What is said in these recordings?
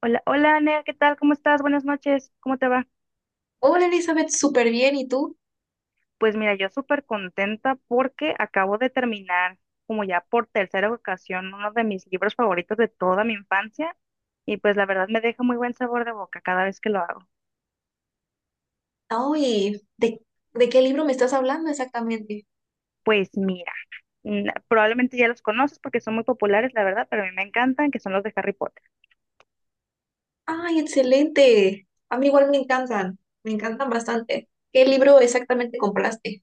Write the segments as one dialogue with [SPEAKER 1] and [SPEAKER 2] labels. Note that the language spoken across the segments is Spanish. [SPEAKER 1] Hola, hola, Nea, ¿qué tal? ¿Cómo estás? Buenas noches, ¿cómo te va?
[SPEAKER 2] Hola Elizabeth, súper bien. ¿Y tú?
[SPEAKER 1] Pues mira, yo súper contenta porque acabo de terminar, como ya por tercera ocasión, uno de mis libros favoritos de toda mi infancia y pues la verdad me deja muy buen sabor de boca cada vez que lo hago.
[SPEAKER 2] Ay, ¿de qué libro me estás hablando exactamente?
[SPEAKER 1] Pues mira, probablemente ya los conoces porque son muy populares, la verdad, pero a mí me encantan, que son los de Harry Potter.
[SPEAKER 2] Ay, excelente. A mí igual me encantan bastante. ¿Qué libro exactamente compraste?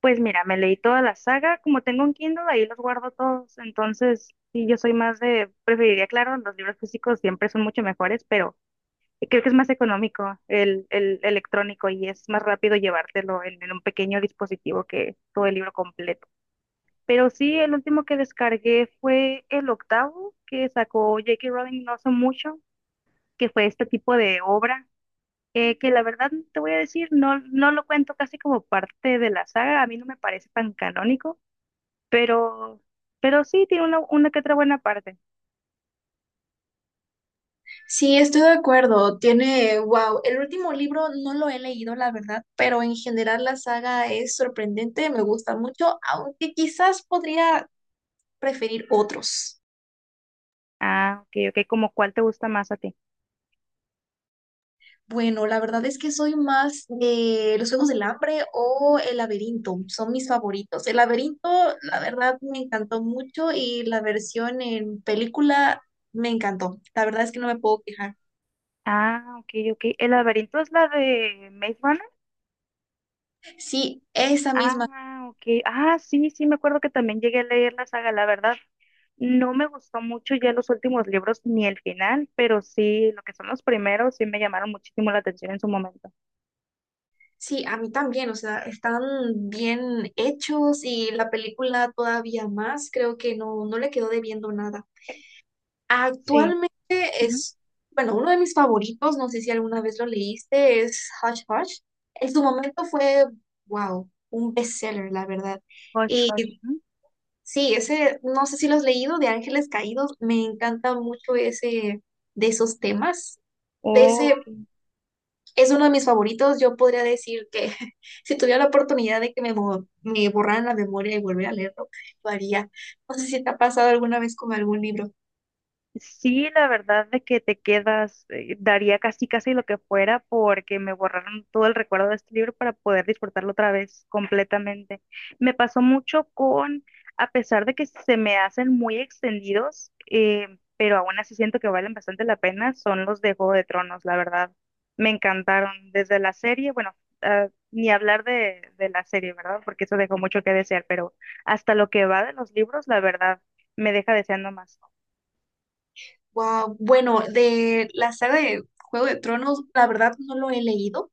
[SPEAKER 1] Pues mira, me leí toda la saga, como tengo un Kindle, ahí los guardo todos, entonces sí, yo soy más de, preferiría, claro, los libros físicos siempre son mucho mejores, pero... Creo que es más económico el electrónico y es más rápido llevártelo en un pequeño dispositivo que todo el libro completo. Pero sí, el último que descargué fue el octavo que sacó J.K. Rowling no hace mucho, que fue este tipo de obra, que la verdad no te voy a decir, no, no lo cuento casi como parte de la saga, a mí no me parece tan canónico, pero, pero sí tiene una que otra buena parte.
[SPEAKER 2] Sí, estoy de acuerdo. Tiene, wow, el último libro no lo he leído, la verdad, pero en general la saga es sorprendente, me gusta mucho, aunque quizás podría preferir otros.
[SPEAKER 1] Ah, ok, ok, como cuál te gusta más a ti.
[SPEAKER 2] Bueno, la verdad es que soy más de los Juegos del Hambre o el Laberinto, son mis favoritos. El Laberinto, la verdad, me encantó mucho y la versión en película me encantó. La verdad es que no me puedo quejar.
[SPEAKER 1] Ah, ok, ok. ¿El laberinto es la de Maze Runner?
[SPEAKER 2] Sí, esa misma.
[SPEAKER 1] Ah, ok. Ah, sí, sí, me acuerdo que también llegué a leer la saga, la verdad. No me gustó mucho ya los últimos libros ni el final, pero sí, lo que son los primeros sí me llamaron muchísimo la atención en su momento.
[SPEAKER 2] Sí, a mí también, o sea, están bien hechos y la película todavía más, creo que no, no le quedó debiendo nada.
[SPEAKER 1] Sí.
[SPEAKER 2] Actualmente
[SPEAKER 1] Ujú.
[SPEAKER 2] es, bueno, uno de mis favoritos, no sé si alguna vez lo leíste, es Hush Hush. En su momento fue, wow, un bestseller, la verdad.
[SPEAKER 1] Hush,
[SPEAKER 2] Y
[SPEAKER 1] hush. Ujú.
[SPEAKER 2] sí, ese, no sé si lo has leído, de Ángeles Caídos, me encanta mucho ese, de esos temas. De
[SPEAKER 1] Oh,
[SPEAKER 2] ese,
[SPEAKER 1] ok.
[SPEAKER 2] es uno de mis favoritos, yo podría decir que si tuviera la oportunidad de que me borraran la memoria y volver a leerlo, lo haría. No sé si te ha pasado alguna vez con algún libro.
[SPEAKER 1] Sí, la verdad de que te quedas, daría casi casi lo que fuera porque me borraron todo el recuerdo de este libro para poder disfrutarlo otra vez completamente. Me pasó mucho con, a pesar de que se me hacen muy extendidos, pero aún así siento que valen bastante la pena, son los de Juego de Tronos, la verdad. Me encantaron desde la serie, bueno, ah, ni hablar de la serie, ¿verdad? Porque eso dejó mucho que desear, pero hasta lo que va de los libros, la verdad, me deja deseando más.
[SPEAKER 2] Wow, bueno, de la saga de Juego de Tronos, la verdad no lo he leído,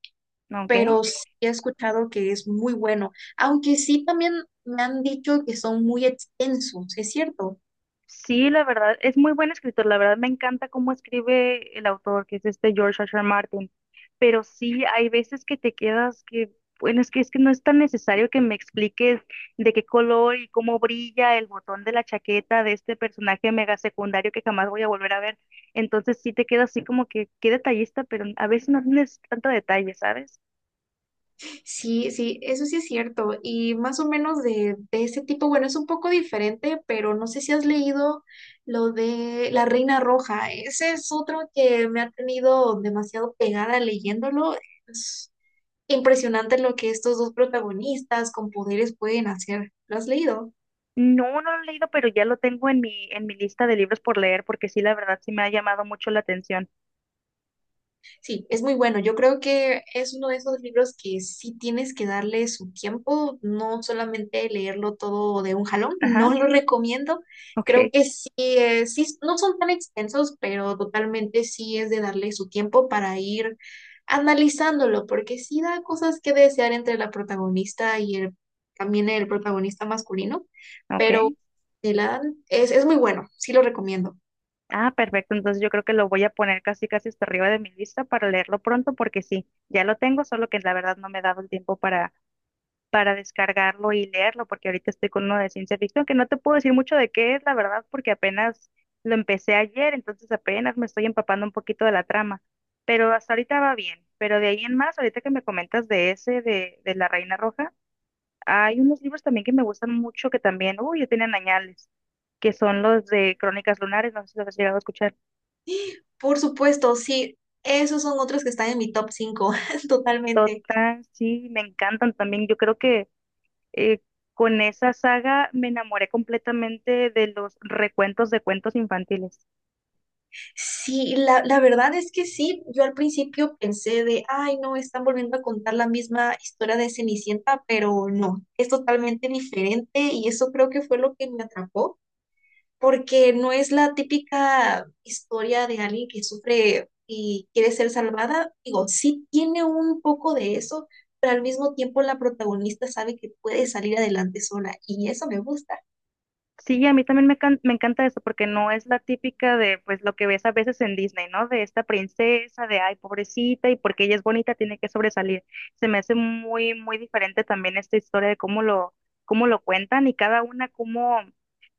[SPEAKER 1] ¿No? ¿Ok?
[SPEAKER 2] pero sí he escuchado que es muy bueno, aunque sí también me han dicho que son muy extensos, ¿es cierto?
[SPEAKER 1] Sí, la verdad, es muy buen escritor. La verdad, me encanta cómo escribe el autor, que es este George R. R. Martin. Pero sí, hay veces que te quedas que, bueno, es que no es tan necesario que me expliques de qué color y cómo brilla el botón de la chaqueta de este personaje mega secundario que jamás voy a volver a ver. Entonces sí te queda así como que qué detallista, pero a veces no tienes tanto detalle, ¿sabes?
[SPEAKER 2] Sí, sí, eso sí es cierto. Y más o menos de, ese tipo, bueno, es un poco diferente, pero no sé si has leído lo de La Reina Roja. Ese es otro que me ha tenido demasiado pegada leyéndolo. Impresionante lo que estos dos protagonistas con poderes pueden hacer. ¿Lo has leído?
[SPEAKER 1] No, no lo he leído, pero ya lo tengo en mi lista de libros por leer, porque sí, la verdad, sí me ha llamado mucho la atención.
[SPEAKER 2] Sí, es muy bueno. Yo creo que es uno de esos libros que sí tienes que darle su tiempo, no solamente leerlo todo de un jalón,
[SPEAKER 1] Ajá,
[SPEAKER 2] no lo recomiendo.
[SPEAKER 1] ok.
[SPEAKER 2] Creo que sí, sí, no son tan extensos, pero totalmente sí es de darle su tiempo para ir analizándolo, porque sí da cosas que desear entre la protagonista y el, también el protagonista masculino,
[SPEAKER 1] Ok.
[SPEAKER 2] pero es muy bueno, sí lo recomiendo.
[SPEAKER 1] Ah, perfecto. Entonces yo creo que lo voy a poner casi casi hasta arriba de mi lista para leerlo pronto porque sí, ya lo tengo, solo que la verdad no me he dado el tiempo para descargarlo y leerlo porque ahorita estoy con uno de ciencia ficción que no te puedo decir mucho de qué es, la verdad, porque apenas lo empecé ayer, entonces apenas me estoy empapando un poquito de la trama. Pero hasta ahorita va bien. Pero de ahí en más, ahorita que me comentas de ese de la Reina Roja, hay unos libros también que me gustan mucho que también, uy, ya tienen añales, que son los de Crónicas Lunares, no sé si los has llegado a escuchar.
[SPEAKER 2] Por supuesto, sí, esos son otros que están en mi top 5, totalmente.
[SPEAKER 1] Total, sí, me encantan también. Yo creo que eh, con esa saga me enamoré completamente de los recuentos de cuentos infantiles.
[SPEAKER 2] Sí, la verdad es que sí, yo al principio pensé de, ay, no, están volviendo a contar la misma historia de Cenicienta, pero no, es totalmente diferente y eso creo que fue lo que me atrapó, porque no es la típica historia de alguien que sufre y quiere ser salvada. Digo, sí tiene un poco de eso, pero al mismo tiempo la protagonista sabe que puede salir adelante sola y eso me gusta.
[SPEAKER 1] Sí, a mí también me encanta eso porque no es la típica de pues lo que ves a veces en Disney, ¿no? De esta princesa, de ay, pobrecita, y porque ella es bonita tiene que sobresalir. Se me hace muy, muy diferente también esta historia de cómo lo cuentan y cada una cómo,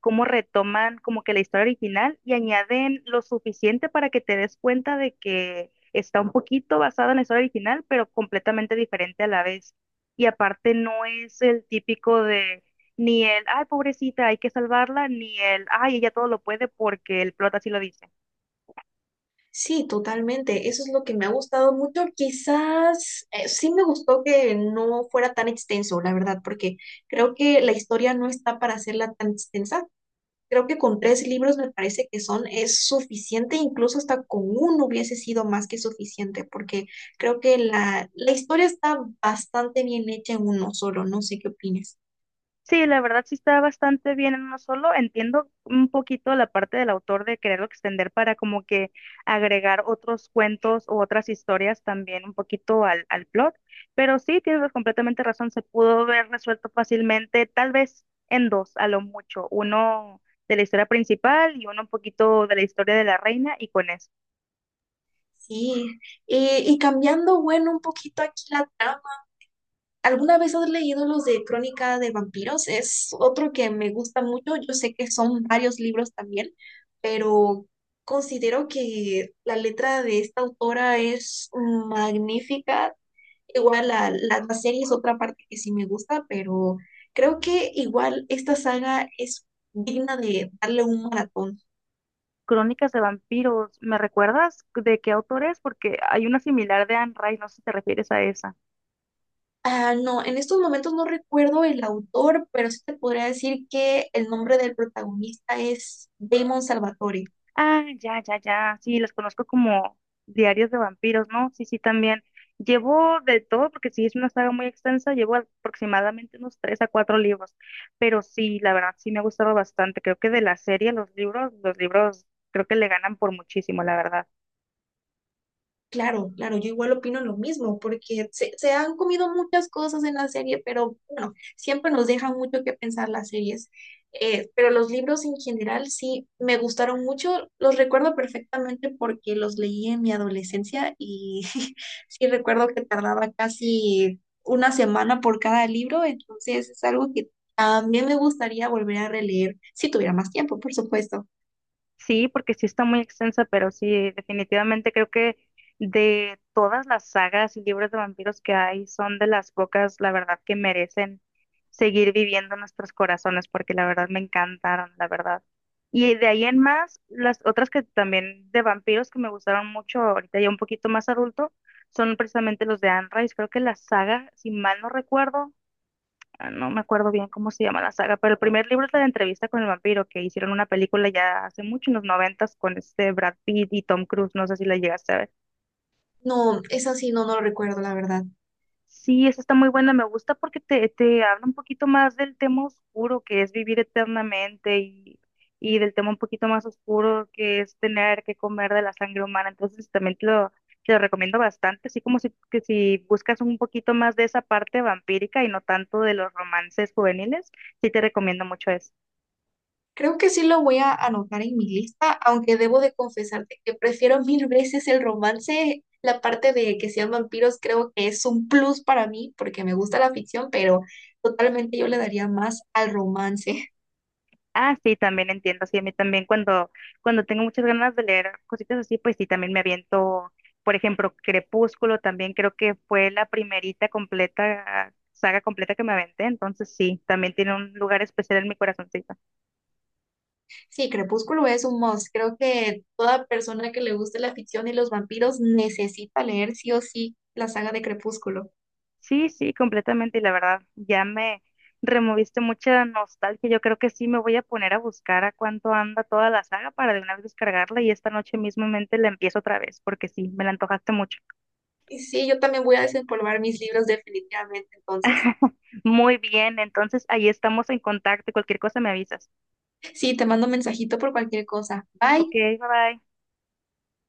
[SPEAKER 1] cómo retoman como que la historia original y añaden lo suficiente para que te des cuenta de que está un poquito basada en la historia original, pero completamente diferente a la vez. Y aparte no es el típico de ni el, ay, pobrecita, hay que salvarla, ni el, ay, ella todo lo puede porque el plot así lo dice.
[SPEAKER 2] Sí, totalmente. Eso es lo que me ha gustado mucho. Quizás sí me gustó que no fuera tan extenso, la verdad, porque creo que la historia no está para hacerla tan extensa. Creo que con 3 libros me parece que son es suficiente, incluso hasta con uno hubiese sido más que suficiente, porque creo que la historia está bastante bien hecha en uno solo. No sé qué opinas.
[SPEAKER 1] Sí, la verdad sí está bastante bien en uno solo. Entiendo un poquito la parte del autor de quererlo extender para como que agregar otros cuentos o otras historias también un poquito al plot. Pero sí, tienes completamente razón, se pudo haber resuelto fácilmente, tal vez en dos, a lo mucho. Uno de la historia principal y uno un poquito de la historia de la reina y con eso.
[SPEAKER 2] Sí, y cambiando, bueno, un poquito aquí la trama. ¿Alguna vez has leído los de Crónica de Vampiros? Es otro que me gusta mucho. Yo sé que son varios libros también, pero considero que la letra de esta autora es magnífica. Igual la, la serie es otra parte que sí me gusta, pero creo que igual esta saga es digna de darle un maratón.
[SPEAKER 1] Crónicas de vampiros, ¿me recuerdas de qué autor es? Porque hay una similar de Anne Rice, no sé si te refieres a esa.
[SPEAKER 2] Ah, no, en estos momentos no recuerdo el autor, pero sí te podría decir que el nombre del protagonista es Damon Salvatore.
[SPEAKER 1] Ah, ya, ya, ya, sí, las conozco como Diarios de vampiros, ¿no? Sí, sí, también. Llevo de todo, porque sí es una saga muy extensa, llevo aproximadamente unos tres a cuatro libros, pero sí, la verdad, sí me ha gustado bastante. Creo que de la serie, los libros creo que le ganan por muchísimo, la verdad.
[SPEAKER 2] Claro, claro, yo igual opino lo mismo, porque se han comido muchas cosas en la serie, pero bueno, siempre nos dejan mucho que pensar las series. Pero los libros en general sí me gustaron mucho, los recuerdo perfectamente porque los leí en mi adolescencia y sí recuerdo que tardaba casi una semana por cada libro, entonces es algo que también me gustaría volver a releer, si tuviera más tiempo, por supuesto.
[SPEAKER 1] Sí, porque sí está muy extensa, pero sí, definitivamente creo que de todas las sagas y libros de vampiros que hay, son de las pocas, la verdad, que merecen seguir viviendo en nuestros corazones, porque la verdad me encantaron, la verdad. Y de ahí en más, las otras que también de vampiros que me gustaron mucho, ahorita ya un poquito más adulto, son precisamente los de Anne Rice. Creo que la saga, si mal no recuerdo, ah, no me acuerdo bien cómo se llama la saga, pero el primer libro es la de entrevista con el vampiro, que hicieron una película ya hace mucho, en los noventas, con este Brad Pitt y Tom Cruise, no sé si la llegaste a ver.
[SPEAKER 2] No, es así, no, no lo recuerdo, la verdad.
[SPEAKER 1] Sí, esa está muy buena, me gusta porque te habla un poquito más del tema oscuro que es vivir eternamente y del tema un poquito más oscuro que es tener que comer de la sangre humana, entonces también te lo recomiendo bastante, así como si, que si buscas un poquito más de esa parte vampírica y no tanto de los romances juveniles, sí te recomiendo mucho eso.
[SPEAKER 2] Creo que sí lo voy a anotar en mi lista, aunque debo de confesarte que prefiero mil veces el romance. La parte de que sean vampiros creo que es un plus para mí porque me gusta la ficción, pero totalmente yo le daría más al romance.
[SPEAKER 1] Ah, sí, también entiendo. Sí, a mí también cuando, cuando tengo muchas ganas de leer cositas así, pues sí, también me aviento, por ejemplo, Crepúsculo, también creo que fue la primerita completa, saga completa que me aventé, entonces sí, también tiene un lugar especial en mi corazoncito.
[SPEAKER 2] Sí, Crepúsculo es un must. Creo que toda persona que le guste la ficción y los vampiros necesita leer sí o sí la saga de Crepúsculo.
[SPEAKER 1] Sí, sí, completamente, y la verdad, ya me removiste mucha nostalgia. Yo creo que sí me voy a poner a buscar a cuánto anda toda la saga para de una vez descargarla y esta noche mismamente la empiezo otra vez, porque sí, me la antojaste mucho.
[SPEAKER 2] Y sí, yo también voy a desempolvar mis libros definitivamente entonces.
[SPEAKER 1] Muy bien, entonces ahí estamos en contacto. Cualquier cosa me avisas.
[SPEAKER 2] Sí, te mando un mensajito por cualquier cosa.
[SPEAKER 1] Ok,
[SPEAKER 2] Bye.
[SPEAKER 1] bye bye.